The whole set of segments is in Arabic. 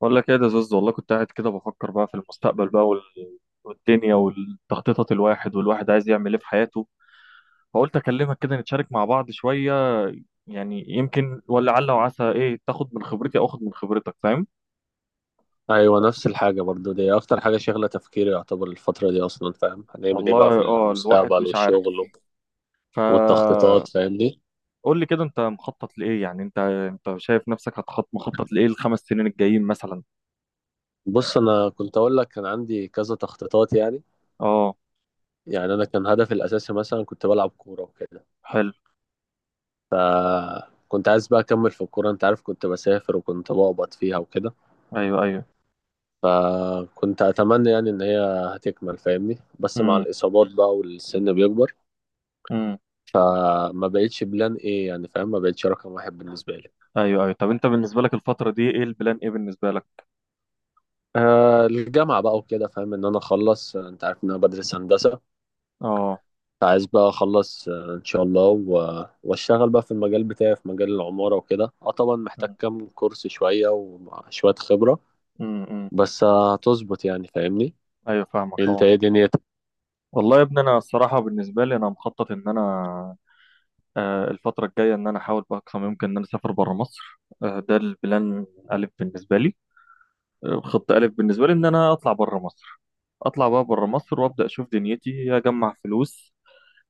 بقول لك ايه ده زوز. والله كنت قاعد كده بفكر بقى في المستقبل بقى والدنيا والتخطيطات. الواحد عايز يعمل ايه في حياته؟ فقلت اكلمك كده، نتشارك مع بعض شوية، يعني يمكن ولا عل وعسى ايه تاخد من خبرتي او اخد من خبرتك. فاهم؟ ايوه، نفس الحاجه برضو. دي اكتر حاجه شاغله تفكيري يعتبر الفتره دي، اصلا فاهم هنعمل ايه بقى في والله الواحد المستقبل مش عارف. والشغل فقول والتخطيطات، فاهمني؟ لي كده، انت مخطط لايه؟ يعني انت شايف نفسك مخطط لايه الخمس سنين الجايين مثلا؟ بص، انا كنت اقول لك كان عندي كذا تخطيطات يعني اه. يعني انا كان هدفي الاساسي مثلا كنت بلعب كوره وكده. حلو. كنت عايز بقى اكمل في الكوره، انت عارف، كنت بسافر وكنت بقبض فيها وكده. ايوه، ايوه. فكنت اتمنى يعني ان هي هتكمل، فاهمني؟ بس مع امم. الاصابات بقى والسن بيكبر، امم. فما بقتش بلان ايه يعني، فاهم؟ ما بقتش رقم 1 بالنسبه لي. ايوه، ايوه، طب انت بالنسبة لك الفترة دي ايه البلان؟ ايه بالنسبة لك؟ آه، الجامعة بقى وكده، فاهم إن أنا أخلص. آه، أنت عارف إن أنا بدرس هندسة. اه. فعايز بقى أخلص آه إن شاء الله و... وأشتغل بقى في المجال بتاعي، في مجال العمارة وكده. أه، طبعا محتاج كام كورس شوية وشوية خبرة، امم، بس آه، هتظبط يعني، فاهمني؟ ايوه، فاهمك أنت طبعا. إيه دنيتك؟ والله يا ابني انا الصراحه بالنسبه لي انا مخطط ان انا، الفتره الجايه ان انا احاول باقصى ما يمكن ان انا اسافر بره مصر. ده البلان الف بالنسبه لي. خط الف بالنسبه لي ان انا اطلع بره مصر. اطلع بقى بره مصر وابدا اشوف دنيتي، اجمع فلوس،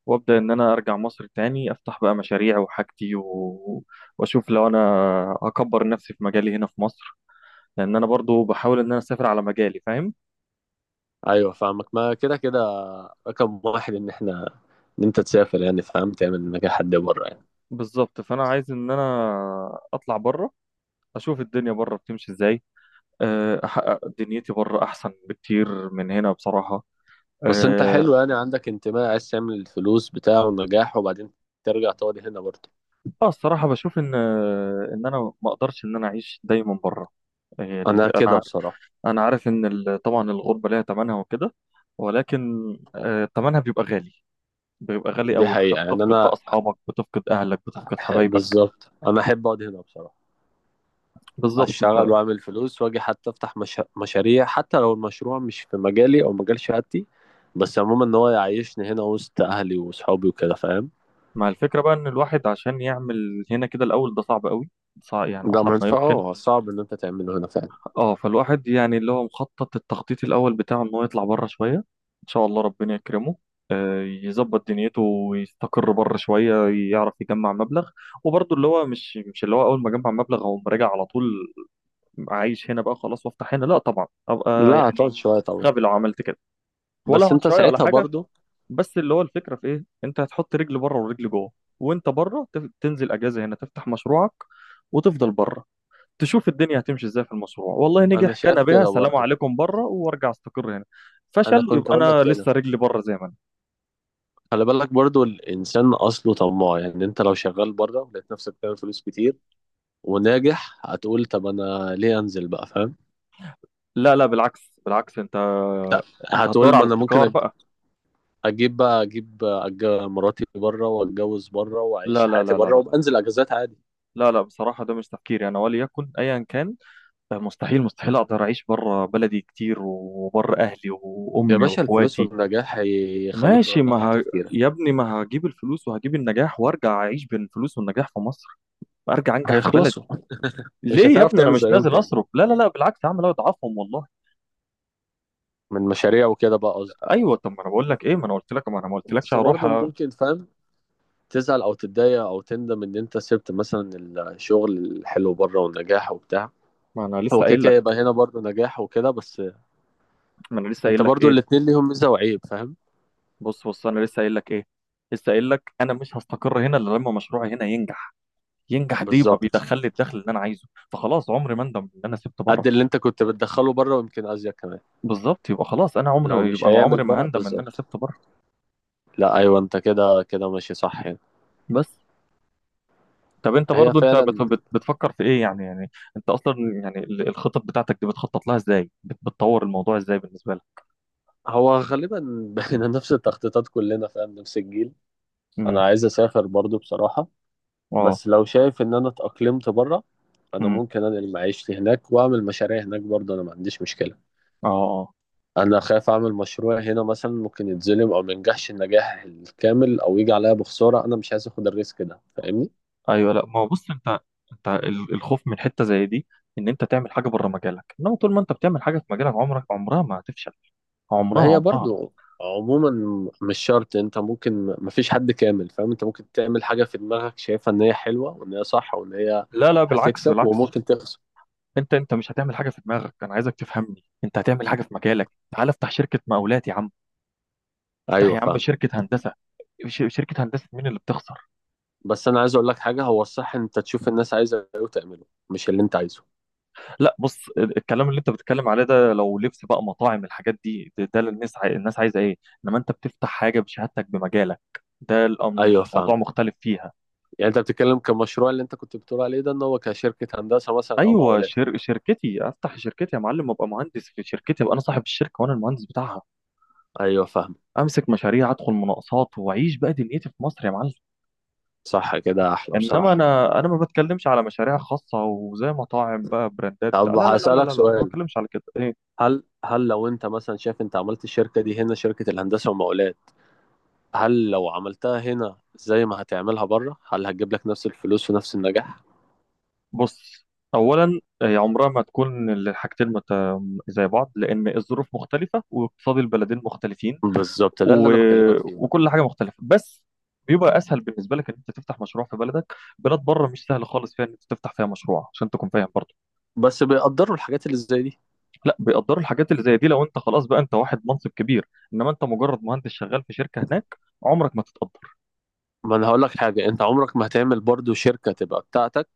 وابدا ان انا ارجع مصر تاني افتح بقى مشاريع وحاجتي واشوف لو انا اكبر نفسي في مجالي هنا في مصر، لان انا برضو بحاول ان انا اسافر على مجالي. فاهم؟ أيوه فاهمك، ما كده كده رقم 1 إن إحنا إن أنت تسافر يعني، فاهم؟ تعمل نجاح حد بره يعني. بالظبط. فانا عايز ان انا اطلع بره، اشوف الدنيا بره بتمشي ازاي. احقق دنيتي بره احسن بكتير من هنا بصراحه. بس أنت اه. حلو يعني، عندك انتماء، عايز تعمل الفلوس بتاعه ونجاح، وبعدين ترجع تقعد هنا برضه. الصراحه بشوف ان، ان انا ما اقدرش ان انا اعيش دايما بره. آه، ال- أنا انا كده ع- بصراحة. انا عارف ان، طبعا الغربه ليها ثمنها وكده، ولكن ثمنها بيبقى غالي. بيبقى غالي دي قوي. حقيقة انت يعني بتفقد بقى أنا اصحابك، بتفقد اهلك، بتفقد حبايبك. بالظبط أنا أحب أقعد هنا بصراحة. بالظبط. أشتغل وأعمل فلوس وأجي حتى أفتح مش... مشاريع، حتى لو المشروع مش في مجالي أو مجال شهادتي. بس عموما إن هو يعيشني هنا وسط أهلي وصحابي وكده، فاهم؟ فمع الفكره بقى ان الواحد عشان يعمل هنا كده الاول، ده صعب قوي. صعب يعني، ده اصعب ما منفعة. يمكن. اه، صعب إن أنت تعمله هنا فعلا. اه، فالواحد يعني اللي هو مخطط، التخطيط الاول بتاعه ان هو يطلع بره شويه. ان شاء الله ربنا يكرمه، يظبط دنيته ويستقر بره شويه، يعرف يجمع مبلغ. وبرضه اللي هو مش اللي هو اول ما اجمع مبلغ اقوم راجع على طول، عايش هنا بقى خلاص وافتح هنا، لا طبعا. ابقى لا هتقعد يعني شوية طبعا. غبي لو عملت كده. ولا بس هقعد أنت شويه ولا ساعتها حاجه، برضو بس اللي هو الفكره في ايه، انت هتحط رجل بره ورجل جوه. وانت بره تنزل اجازه هنا تفتح مشروعك وتفضل بره. تشوف الدنيا هتمشي ازاي في المشروع. والله أنا نجح، كان شايف بها، كده سلام برضو. عليكم بره وارجع استقر هنا. أنا فشل، كنت يبقى أقول لك انا كده، لسه رجلي بره زي ما انا. خلي بالك برضو، الإنسان أصله طماع يعني. أنت لو شغال بره لقيت نفسك بتعمل فلوس كتير وناجح، هتقول طب أنا ليه أنزل بقى، فاهم؟ لا، لا، بالعكس، بالعكس، انت هتدور هتقول ما على انا استقرار ممكن بقى. اجيب بقى مراتي بره واتجوز بره لا، واعيش لا، حياتي لا، لا، بره لا، وبنزل اجازات عادي. لا، لا، بصراحة ده مش تفكيري أنا وليكن أيا كان. مستحيل، مستحيل أقدر أعيش بره بلدي كتير، وبره أهلي يا وأمي باشا، الفلوس وإخواتي. والنجاح هيخلوك ماشي، ما تغير ه... تفكيرك. يا ابني ما هجيب الفلوس وهجيب النجاح وأرجع أعيش بين الفلوس والنجاح في مصر. أرجع أنجح في بلدي. هيخلصوا. مش ليه يا هتعرف ابني انا تعمل مش زيهم نازل تاني، اصرف؟ لا، لا، لا، بالعكس، هعمل اضعفهم والله. من مشاريع وكده بقى قصدي. ايوه، طب ما انا بقول لك ايه، ما انا قلت لك، ما انا ما قلتلكش بس هروح برضه ممكن، فاهم، تزعل او تتضايق او تندم ان انت سبت مثلا الشغل الحلو بره والنجاح وبتاع. ما انا هو لسه كده قايل كده لك. يبقى هنا برضه نجاح وكده، بس ما انا لسه انت قايل لك برضه ايه. الاتنين ليهم ميزة وعيب، فاهم؟ بص، بص، انا لسه قايل لك ايه، لسه قايل لك انا مش هستقر هنا الا لما مشروعي هنا ينجح. ينجح دي يبقى بالظبط. بيدخل لي الدخل اللي انا عايزه، فخلاص عمري ما اندم ان انا سبت بره. قد اللي انت كنت بتدخله بره ويمكن ازيد كمان. بالظبط. يبقى خلاص انا لو عمري، مش يبقى هيعمل عمري ده ما هندم ان انا بالظبط. سبت بره. لا ايوه، انت كده كده ماشي صح يعني. بس. طب انت هي برضو انت فعلا. بتفكر في ايه يعني؟ يعني انت اصلا يعني الخطط بتاعتك دي بتخطط لها ازاي؟ بتطور الموضوع ازاي بالنسبه هو غالبا بقينا نفس التخطيطات كلنا، فاهم؟ نفس الجيل. لك؟ انا عايز اسافر برضو بصراحة. اه. بس لو شايف ان انا اتأقلمت بره، انا امم. ممكن انقل معيشتي هناك واعمل مشاريع هناك برضو، انا ما عنديش مشكلة. اه. اه. انا خايف اعمل مشروع هنا مثلا، ممكن يتظلم او ما ينجحش النجاح الكامل او يجي عليا بخسارة. انا مش عايز اخد الريسك ده، فاهمني؟ ايوه. لا، ما هو بص، انت الخوف من حته زي دي، ان انت تعمل حاجه بره مجالك، انما طول ما انت بتعمل حاجه في مجالك عمرك، عمرها ما هتفشل. ما عمرها، هي عمرها. برضو عموما مش شرط. انت ممكن، ما فيش حد كامل، فاهم؟ انت ممكن تعمل حاجة في دماغك شايفها ان هي حلوة وان هي صح وان هي لا، لا، بالعكس، هتكسب، بالعكس، وممكن تخسر. انت مش هتعمل حاجه في دماغك. انا عايزك تفهمني، انت هتعمل حاجه في مجالك. تعال افتح شركه مقاولات يا عم، افتح ايوه يا عم فاهم. شركه هندسه. شركه هندسه مين اللي بتخسر؟ بس انا عايز اقول لك حاجة، هو الصح ان انت تشوف الناس عايزة ايه وتعمله، مش اللي انت عايزه. لا بص، الكلام اللي انت بتتكلم عليه ده، لو لبس بقى، مطاعم، الحاجات دي، ده الناس الناس عايزه ايه. انما انت بتفتح حاجه بشهادتك، بمجالك، ده ايوه الموضوع فاهم. مختلف فيها. يعني انت بتتكلم كمشروع اللي انت كنت بتقول عليه ده، ان هو كشركة هندسة مثلا او ايوه، مقاولات. شركتي، افتح شركتي يا معلم، ابقى مهندس في شركتي، ابقى انا صاحب الشركه وانا المهندس بتاعها. ايوه فاهم. امسك مشاريع، ادخل مناقصات، واعيش بقى دنيتي في مصر يا معلم. صح كده احلى انما بصراحة. انا، انا ما بتكلمش على مشاريع خاصه وزي مطاعم بقى، براندات بتاع، طب لا، لا، لا، لا، لا، هسألك لا، ما سؤال. بتكلمش على كده. ايه. هل لو انت مثلا شايف انت عملت الشركة دي هنا، شركة الهندسة والمقاولات، هل لو عملتها هنا زي ما هتعملها بره، هل هتجيب لك نفس الفلوس ونفس النجاح؟ بص، اولا هي عمرها ما تكون زي بعض، لان الظروف مختلفه واقتصاد البلدين مختلفين، بالظبط، ده اللي و... انا بكلمك فيه. وكل حاجه مختلفه، بس بيبقى اسهل بالنسبه لك ان انت تفتح مشروع في بلدك. بلاد بره مش سهل خالص فيها ان انت تفتح فيها مشروع، عشان تكون فاهم برضه. بس بيقدروا الحاجات اللي زي دي؟ لا بيقدروا الحاجات اللي زي دي لو انت خلاص بقى، انت واحد منصب كبير، انما انت مجرد مهندس شغال في شركه هناك، عمرك ما تتقدر. ما انا هقول لك حاجه، انت عمرك ما هتعمل برضو شركه تبقى بتاعتك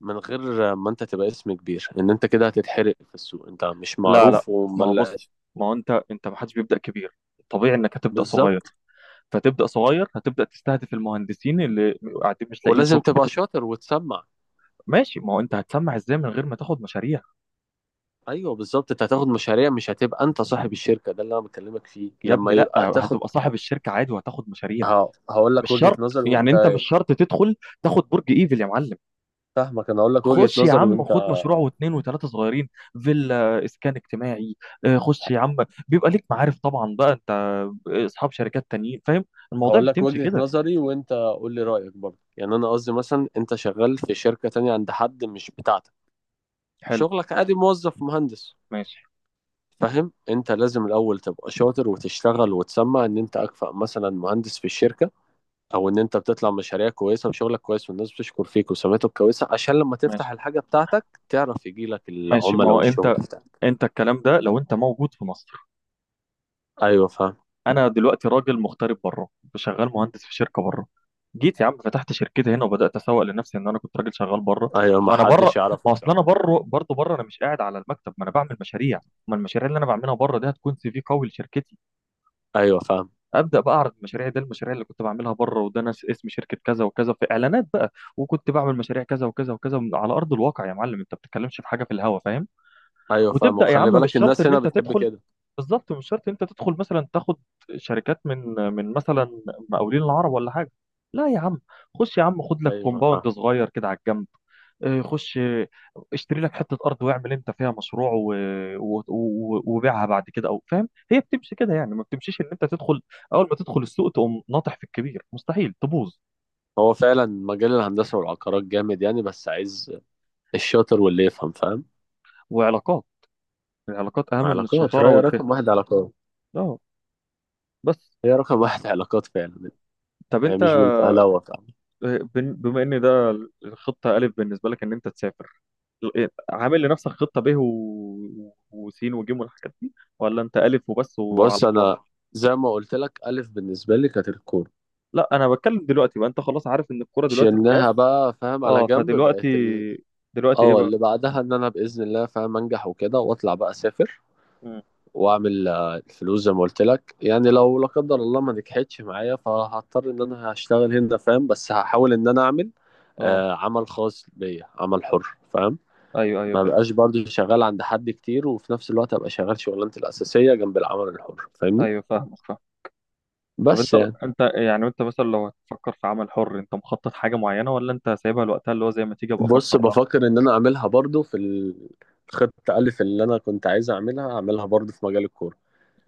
من غير ما انت تبقى اسم كبير. ان انت كده هتتحرق في السوق، انت مش لا، لا، معروف ما هو بص، وملاش. ما هو انت ما حدش بيبدا كبير، طبيعي انك هتبدا صغير. بالظبط. فتبدا صغير، هتبدا تستهدف المهندسين اللي قاعدين مش لاقيين ولازم شغل. تبقى شاطر وتسمع. ماشي، ما هو انت هتسمع ازاي من غير ما تاخد مشاريع؟ ايوه بالظبط، انت هتاخد مشاريع، مش هتبقى انت صاحب الشركه، ده اللي انا بكلمك فيه، يا لما ابني لا، يبقى تاخد. هتبقى صاحب الشركه عادي وهتاخد مشاريع. ه- هقول لك مش وجهه شرط نظر يعني، وانت انت مش شرط تدخل تاخد برج ايفل يا معلم. فاهمك انا هقول لك وجهه خش يا نظري عم وانت خد مشروع واثنين وثلاثه صغيرين، فيلا، اسكان اجتماعي، خش يا عم. بيبقى ليك معارف طبعا بقى انت، اصحاب شركات تانيين، فاهم؟ الموضوع هقول لك بتمشي وجهة كده. نظري وانت قول لي رأيك برضه يعني. انا قصدي مثلا انت شغال في شركة تانية عند حد، مش بتاعتك. حلو. شغلك عادي، موظف مهندس، ماشي، فاهم؟ انت لازم الاول تبقى شاطر وتشتغل وتسمع ان انت اكفأ مثلا مهندس في الشركة، او ان انت بتطلع مشاريع كويسة وشغلك كويس والناس بتشكر فيك وسمعتك كويسة، عشان لما تفتح ماشي، الحاجة بتاعتك تعرف يجيلك ماشي، ما العملاء هو والشغل انت بتاعك. انت الكلام ده لو انت موجود في مصر. ايوه فاهم. انا دلوقتي راجل مغترب بره، شغال مهندس في شركه بره. جيت يا عم فتحت شركتي هنا وبدات اسوق لنفسي ان انا كنت راجل شغال بره. ايوه، ما ما انا حدش بره، ما يعرفك اصل انا صح. بره برضه، بره انا مش قاعد على المكتب، ما انا بعمل مشاريع. ما المشاريع اللي انا بعملها بره دي هتكون سي في قوي لشركتي. ايوه فاهم. ابدا بقى اعرض مشاريعي، ده المشاريع اللي كنت بعملها بره، وده ناس اسم شركه كذا وكذا في اعلانات بقى، وكنت بعمل مشاريع كذا وكذا وكذا على ارض الواقع. يا معلم انت بتتكلمش في حاجه في الهوا، فاهم؟ ايوه فاهم، وتبدا يا وخلي عم، مش بالك شرط الناس ان هنا انت بتحب تدخل. كده. بالظبط، مش شرط انت تدخل مثلا تاخد شركات من مثلا مقاولين العرب ولا حاجه. لا يا عم، خش يا عم خد لك ايوه كومباوند فاهم. صغير كده على الجنب. اه، خش اه، اشتري لك حته ارض واعمل انت فيها مشروع وبيعها بعد كده او فاهم. هي بتمشي كده يعني، ما بتمشيش ان انت تدخل اول ما تدخل السوق تقوم ناطح في الكبير، مستحيل تبوظ. هو فعلا مجال الهندسة والعقارات جامد يعني، بس عايز الشاطر واللي يفهم، فاهم؟ وعلاقات. العلاقات اهم من علاقات. الشطاره رأي والفهم. رقم 1 علاقات. اه. بس، هي رقم 1 علاقات فعلا. طب هي انت مش بالفهلوة فعلا. بما ان ده الخطه الف بالنسبه لك ان انت تسافر، عامل لنفسك خطه ب وسين وجيم والحاجات دي، ولا انت الف وبس بص وعلى الله؟ أنا زي ما قلت لك، ألف بالنسبة لي كانت الكورة. لا، انا بتكلم دلوقتي بقى، انت خلاص عارف ان الكوره دلوقتي شلناها خلاص. بقى، فاهم، على اه، جنب، فدلوقتي، بقت دلوقتي ايه اه، بقى؟ اللي بعدها ان انا باذن الله، فاهم، انجح وكده واطلع بقى اسافر. مم. واعمل آه، الفلوس زي ما قلت لك يعني. اه. لو لا قدر الله ما نجحتش معايا، فهضطر ان انا هشتغل هنا، فاهم؟ بس هحاول ان انا اعمل اه. آه، عمل خاص بيا، عمل حر، فاهم؟ ايوه، ايوه ما فاهم. بقاش برضه شغال عند حد كتير، وفي نفس الوقت ابقى شغال شغلانتي الاساسيه جنب العمل الحر، فاهمني؟ ايوه فاهمك، فاهم. طب انت، بس يعني. انت يعني، انت مثلا لو هتفكر في عمل حر، انت مخطط حاجه معينه، ولا انت سايبها لوقتها اللي هو زي ما تيجي ابقى بص، افكر لها؟ بفكر ان انا اعملها برضه في الخطه الف. اللي انا كنت عايز اعملها اعملها برضه في مجال الكوره.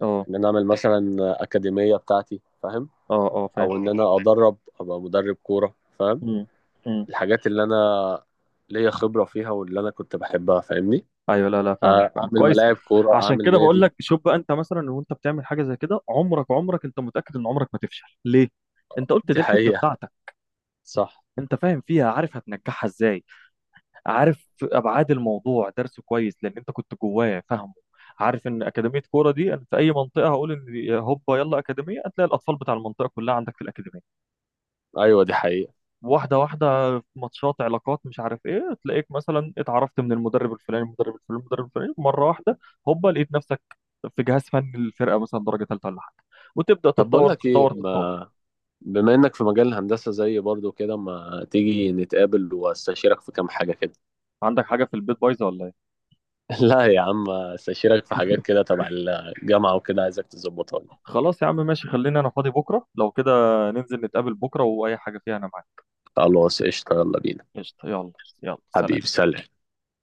اه. ان انا اعمل مثلا اكاديميه بتاعتي، فاهم؟ اه. اه فاهم. او ان انا ادرب، ابقى مدرب كوره، فاهم؟ مم. مم. الحاجات اللي انا ليا خبرة فيها واللي انا كنت بحبها، فاهمني؟ ايوه، لا، لا فاهمك، آه، فاهمك اعمل كويس. ملاعب كورة، عشان اعمل كده بقول نادي. لك شوف بقى، انت مثلا وانت بتعمل حاجه زي كده، عمرك، عمرك انت متاكد ان عمرك ما تفشل. ليه؟ انت قلت دي دي الحته حقيقة. بتاعتك، صح. انت فاهم فيها، عارف هتنجحها ازاي، عارف ابعاد الموضوع، درسه كويس لان انت كنت جواه، فاهمه. عارف ان اكاديميه كوره دي انا في اي منطقه هقول ان هوبا يلا اكاديميه، هتلاقي الاطفال بتاع المنطقه كلها عندك في الاكاديميه. ايوه دي حقيقة. واحدة واحدة، ماتشات، علاقات، مش عارف ايه، تلاقيك مثلا اتعرفت من المدرب الفلاني، المدرب الفلاني، المدرب الفلاني، مرة واحدة هوبا لقيت نفسك في جهاز فني للفرقة مثلا درجة ثالثة ولا حاجة، وتبدأ طب بقول تتطور، لك ايه، تتطور، تتطور. ما بما انك في مجال الهندسة زيي برضو كده، ما تيجي نتقابل واستشيرك في كام حاجة كده؟ عندك حاجة في البيت بايظة ولا ايه؟ لا يا عم، استشيرك في حاجات كده تبع الجامعة وكده، عايزك تظبطها لي. خلاص يا عم، ماشي، خليني انا فاضي بكرة لو كده، ننزل نتقابل بكرة واي حاجة فيها انا معاك. خلاص قشطة، يلا بينا. قشطة، يلا. يلا، سلام. حبيبي سلام.